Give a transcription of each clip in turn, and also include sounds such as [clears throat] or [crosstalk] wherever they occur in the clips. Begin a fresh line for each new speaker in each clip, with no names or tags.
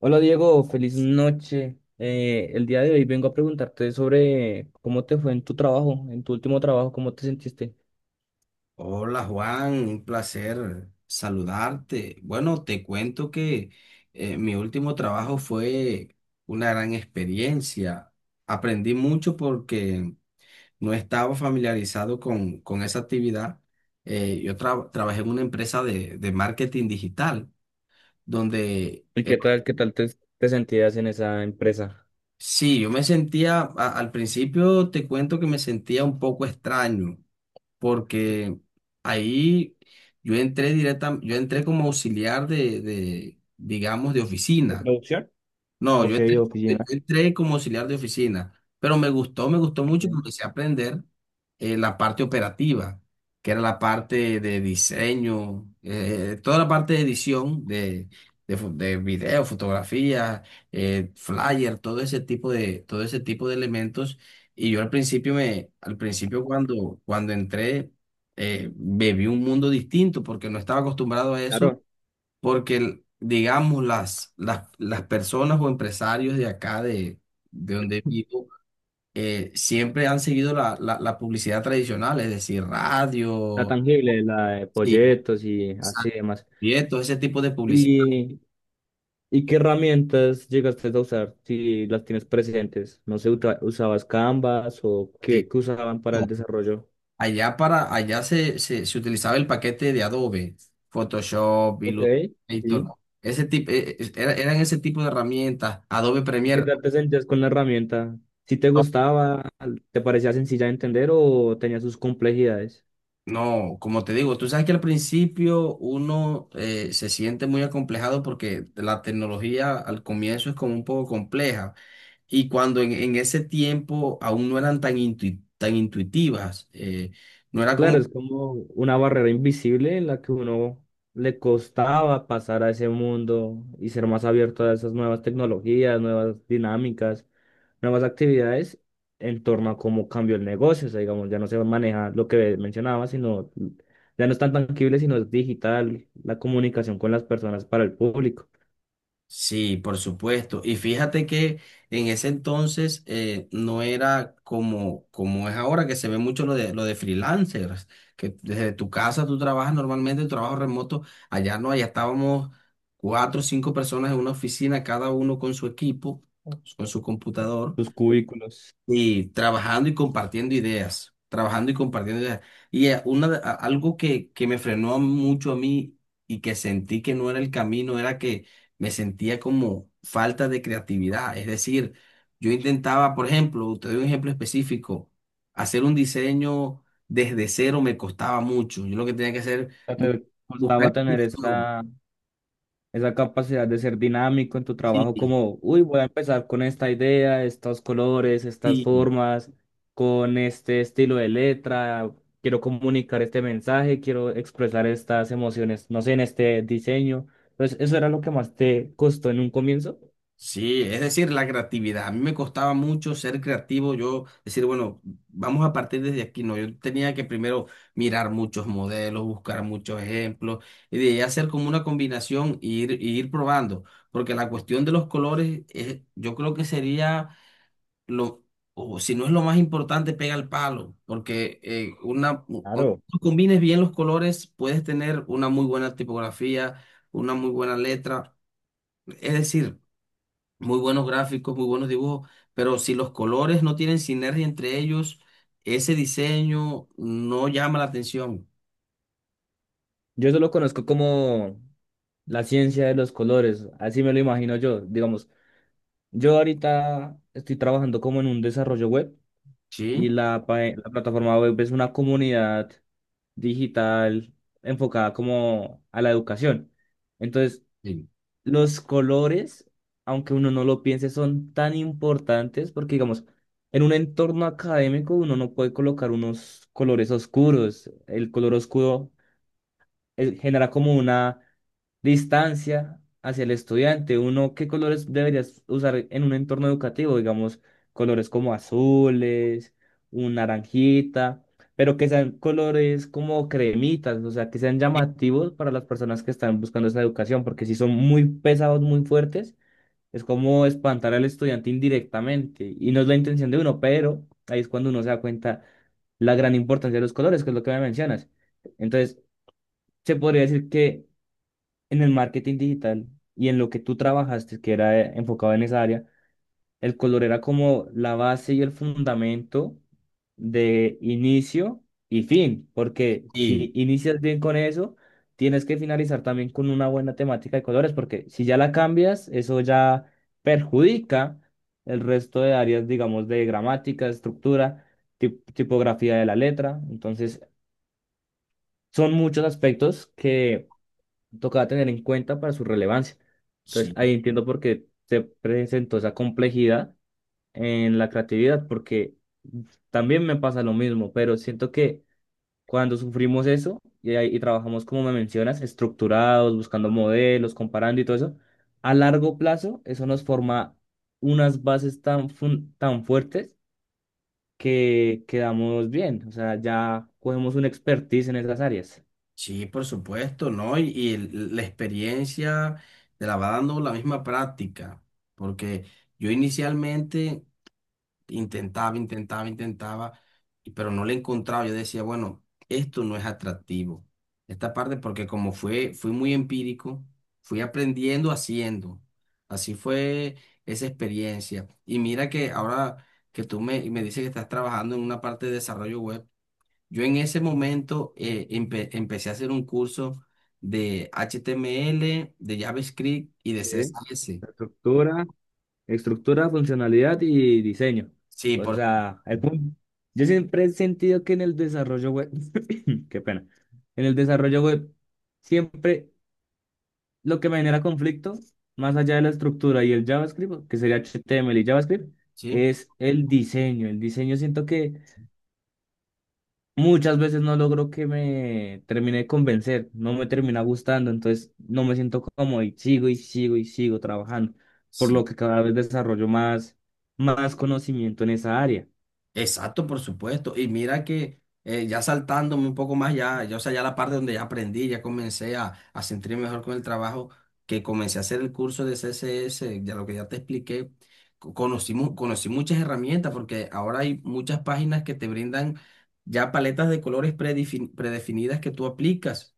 Hola Diego, feliz noche. El día de hoy vengo a preguntarte sobre cómo te fue en tu trabajo, en tu último trabajo, cómo te sentiste
Hola Juan, un placer saludarte. Bueno, te cuento que mi último trabajo fue una gran experiencia. Aprendí mucho porque no estaba familiarizado con esa actividad. Yo trabajé en una empresa de marketing digital, donde
y qué tal, te sentías en esa empresa.
sí, yo me sentía, al principio te cuento que me sentía un poco extraño porque ahí yo entré como auxiliar digamos, de oficina. No, yo entré como auxiliar de oficina, pero me gustó mucho porque empecé a aprender la parte operativa, que era la parte de diseño, toda la parte de edición de video, fotografía, flyer, todo ese tipo de elementos. Y yo al principio cuando entré, viví un mundo distinto porque no estaba acostumbrado a eso
Claro,
porque digamos las personas o empresarios de acá, de donde
[laughs]
vivo, siempre han seguido la publicidad tradicional, es decir,
la
radio,
tangible, la de
sí,
proyectos y así demás.
todo ese tipo de publicidad.
¿Y, y qué herramientas llegaste a usar si las tienes presentes? No sé, ¿usabas Canvas o qué,
Sí.
qué usaban para
No,
el desarrollo?
allá, allá se utilizaba el paquete de Adobe, Photoshop,
Ok,
Illustrator,
sí.
ese tipo, eran ese tipo de herramientas, Adobe
¿Y qué
Premiere.
tal te sentías con la herramienta? ¿Si te
¿No?
gustaba, te parecía sencilla de entender o tenía sus complejidades?
No, como te digo, tú sabes que al principio uno se siente muy acomplejado porque la tecnología al comienzo es como un poco compleja. Y cuando en ese tiempo aún no eran tan, tan intuitivas, no era como...
Claro, es como una barrera invisible en la que uno le costaba pasar a ese mundo y ser más abierto a esas nuevas tecnologías, nuevas dinámicas, nuevas actividades en torno a cómo cambió el negocio. O sea, digamos, ya no se maneja lo que mencionaba, sino ya no es tan tangible, sino es digital, la comunicación con las personas para el público,
Sí, por supuesto. Y fíjate que en ese entonces no era como, como es ahora, que se ve mucho lo de freelancers, que desde tu casa tú trabajas normalmente, tu trabajo remoto, allá no, allá estábamos cuatro o cinco personas en una oficina, cada uno con su equipo, con su computador.
sus cubículos.
Y trabajando y compartiendo ideas, trabajando y compartiendo ideas. Y algo que me frenó mucho a mí y que sentí que no era el camino era que me sentía como falta de creatividad. Es decir, yo intentaba, por ejemplo, te doy un ejemplo específico, hacer un diseño desde cero me costaba mucho. Yo lo que tenía que hacer,
Sea,
bu-
te
buscar
costaba tener
inspiración.
esa, esa capacidad de ser dinámico en tu
Sí,
trabajo, como, uy, voy a empezar con esta idea, estos colores, estas
sí.
formas, con este estilo de letra, quiero comunicar este mensaje, quiero expresar estas emociones, no sé, en este diseño. Entonces, ¿eso era lo que más te costó en un comienzo?
Sí, es decir, la creatividad. A mí me costaba mucho ser creativo. Yo decir, bueno, vamos a partir desde aquí. No, yo tenía que primero mirar muchos modelos, buscar muchos ejemplos y de ahí hacer como una combinación e ir probando. Porque la cuestión de los colores, yo creo que sería lo, o si no es lo más importante, pega al palo. Porque cuando
Claro.
tú combines bien los colores, puedes tener una muy buena tipografía, una muy buena letra. Es decir, muy buenos gráficos, muy buenos dibujos, pero si los colores no tienen sinergia entre ellos, ese diseño no llama la atención.
Yo eso lo conozco como la ciencia de los colores, así me lo imagino yo. Digamos, yo ahorita estoy trabajando como en un desarrollo web.
¿Sí?
Y la, la plataforma web es una comunidad digital enfocada como a la educación. Entonces,
Sí.
los colores, aunque uno no lo piense, son tan importantes porque, digamos, en un entorno académico uno no puede colocar unos colores oscuros. El color oscuro genera como una distancia hacia el estudiante. Uno, ¿qué colores deberías usar en un entorno educativo? Digamos, colores como azules, un naranjita, pero que sean colores como cremitas, o sea, que sean
Sí,
llamativos para las personas que están buscando esa educación, porque si son muy pesados, muy fuertes, es como espantar al estudiante indirectamente. Y no es la intención de uno, pero ahí es cuando uno se da cuenta la gran importancia de los colores, que es lo que me mencionas. Entonces, se podría decir que en el marketing digital y en lo que tú trabajaste, que era enfocado en esa área, el color era como la base y el fundamento de inicio y fin, porque
sí,
si inicias bien con eso, tienes que finalizar también con una buena temática de colores, porque si ya la cambias, eso ya perjudica el resto de áreas, digamos, de gramática, estructura, tipografía de la letra. Entonces, son muchos aspectos que tocaba tener en cuenta para su relevancia. Entonces,
sí,
ahí entiendo por qué se presentó esa complejidad en la creatividad, porque también me pasa lo mismo, pero siento que cuando sufrimos eso y trabajamos, como me mencionas, estructurados, buscando modelos, comparando y todo eso, a largo plazo eso nos forma unas bases tan, tan fuertes que quedamos bien, o sea, ya cogemos una expertise en esas áreas.
sí, por supuesto, ¿no? Y, la experiencia te la va dando la misma práctica, porque yo inicialmente intentaba, intentaba, pero no le encontraba. Yo decía, bueno, esto no es atractivo. Esta parte, porque fui muy empírico, fui aprendiendo haciendo. Así fue esa experiencia. Y mira que ahora que me dices que estás trabajando en una parte de desarrollo web, yo en ese momento empecé a hacer un curso de HTML, de JavaScript y de
Sí,
CSS.
la estructura. Estructura, funcionalidad y diseño.
Sí,
O
por
sea, yo siempre he sentido que en el desarrollo web, [coughs] [clears throat] qué pena, en el desarrollo web, siempre lo que me genera conflicto, más allá de la estructura y el JavaScript, que sería HTML y JavaScript,
sí.
es el diseño. El diseño siento que muchas veces no logro que me termine de convencer, no me termina gustando, entonces no me siento cómodo y sigo y sigo y sigo trabajando, por
Sí.
lo que cada vez desarrollo más, más conocimiento en esa área,
Exacto, por supuesto. Y mira que ya saltándome un poco más, ya, o sea, ya la parte donde ya aprendí, ya comencé a sentirme mejor con el trabajo, que comencé a hacer el curso de CSS, ya lo que ya te expliqué, conocí muchas herramientas, porque ahora hay muchas páginas que te brindan ya paletas de colores predefinidas que tú aplicas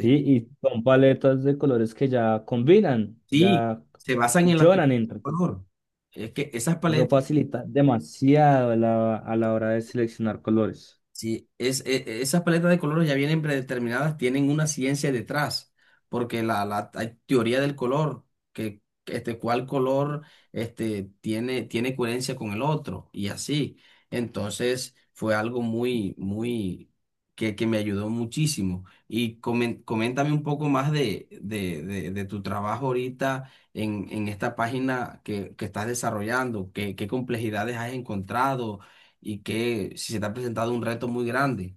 ¿sí? Y son paletas de colores que ya combinan,
Sí,
ya
se basan en la teoría
funcionan
del
entre sí.
color. Es que esas
Eso
paletas...
facilita demasiado a la hora de seleccionar colores.
Sí, esas paletas de colores ya vienen predeterminadas, tienen una ciencia detrás, porque la hay teoría del color, que este, cuál color este, tiene, tiene coherencia con el otro, y así. Entonces fue algo que me ayudó muchísimo. Y coméntame un poco más de tu trabajo ahorita en esta página que estás desarrollando, qué, qué complejidades has encontrado y que si se te ha presentado un reto muy grande,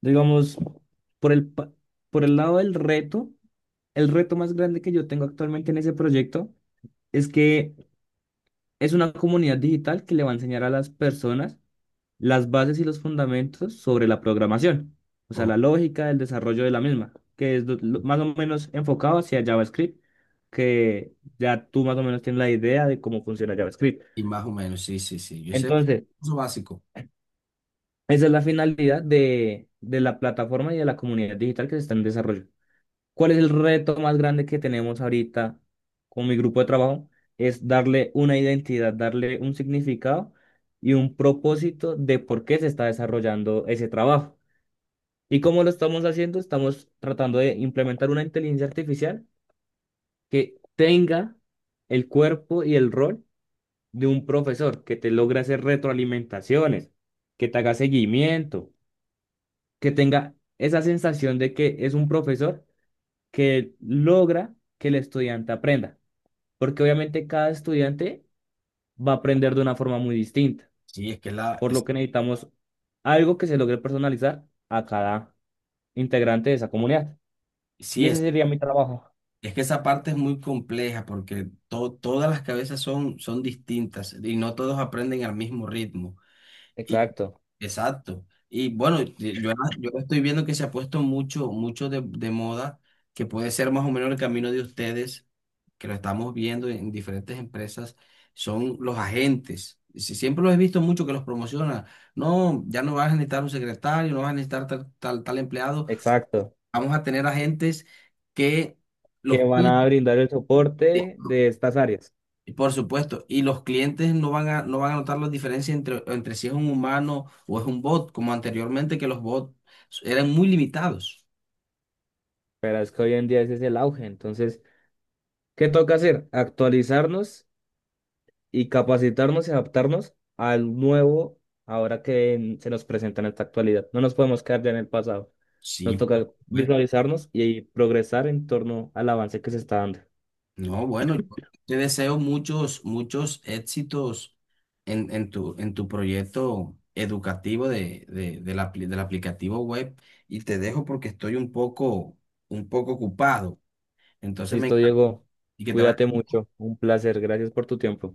Digamos, por el, por el lado del reto, el reto más grande que yo tengo actualmente en ese proyecto es que es una comunidad digital que le va a enseñar a las personas las bases y los fundamentos sobre la programación, o sea,
o-
la lógica del desarrollo de la misma, que es más o menos enfocado hacia JavaScript, que ya tú más o menos tienes la idea de cómo funciona JavaScript.
y más o menos, sí, yo sé
Entonces,
eso básico,
esa es la finalidad de la plataforma y de la comunidad digital que se está en desarrollo. ¿Cuál es el reto más grande que tenemos ahorita con mi grupo de trabajo? Es darle una identidad, darle un significado y un propósito de por qué se está desarrollando ese trabajo. ¿Y cómo lo estamos haciendo? Estamos tratando de implementar una inteligencia artificial que tenga el cuerpo y el rol de un profesor, que te logre hacer retroalimentaciones, que te haga seguimiento, que tenga esa sensación de que es un profesor que logra que el estudiante aprenda. Porque obviamente cada estudiante va a aprender de una forma muy distinta,
sí, es que
por lo que necesitamos algo que se logre personalizar a cada integrante de esa comunidad. Y
sí
ese sería mi trabajo.
es que esa parte es muy compleja porque todas las cabezas son distintas y no todos aprenden al mismo ritmo. Y-
Exacto,
exacto. Y bueno, y yo estoy viendo que se ha puesto mucho, mucho de moda, que puede ser más o menos el camino de ustedes, que lo estamos viendo en diferentes empresas, son los agentes. Siempre los he visto mucho que los promociona. No, ya no vas a necesitar un secretario, no vas a necesitar tal, tal, tal empleado.
exacto.
Vamos a tener agentes que
Que
los
van a
cuiden.
brindar el soporte de estas áreas.
Y por supuesto, y los clientes no van a, no van a notar la diferencia entre, entre si es un humano o es un bot, como anteriormente que los bots eran muy limitados.
Pero es que hoy en día ese es el auge. Entonces, ¿qué toca hacer? Actualizarnos y capacitarnos y adaptarnos al nuevo ahora que se nos presenta en esta actualidad. No nos podemos quedar ya en el pasado.
Sí,
Nos
por
toca
supuesto.
visualizarnos y progresar en torno al avance que se está dando.
No, bueno, yo te deseo muchos, muchos éxitos en tu proyecto educativo del del aplicativo web y te dejo porque estoy un poco ocupado. Entonces me
Listo,
encanta
Diego.
y que te
Cuídate
vaya.
mucho. Un placer. Gracias por tu tiempo.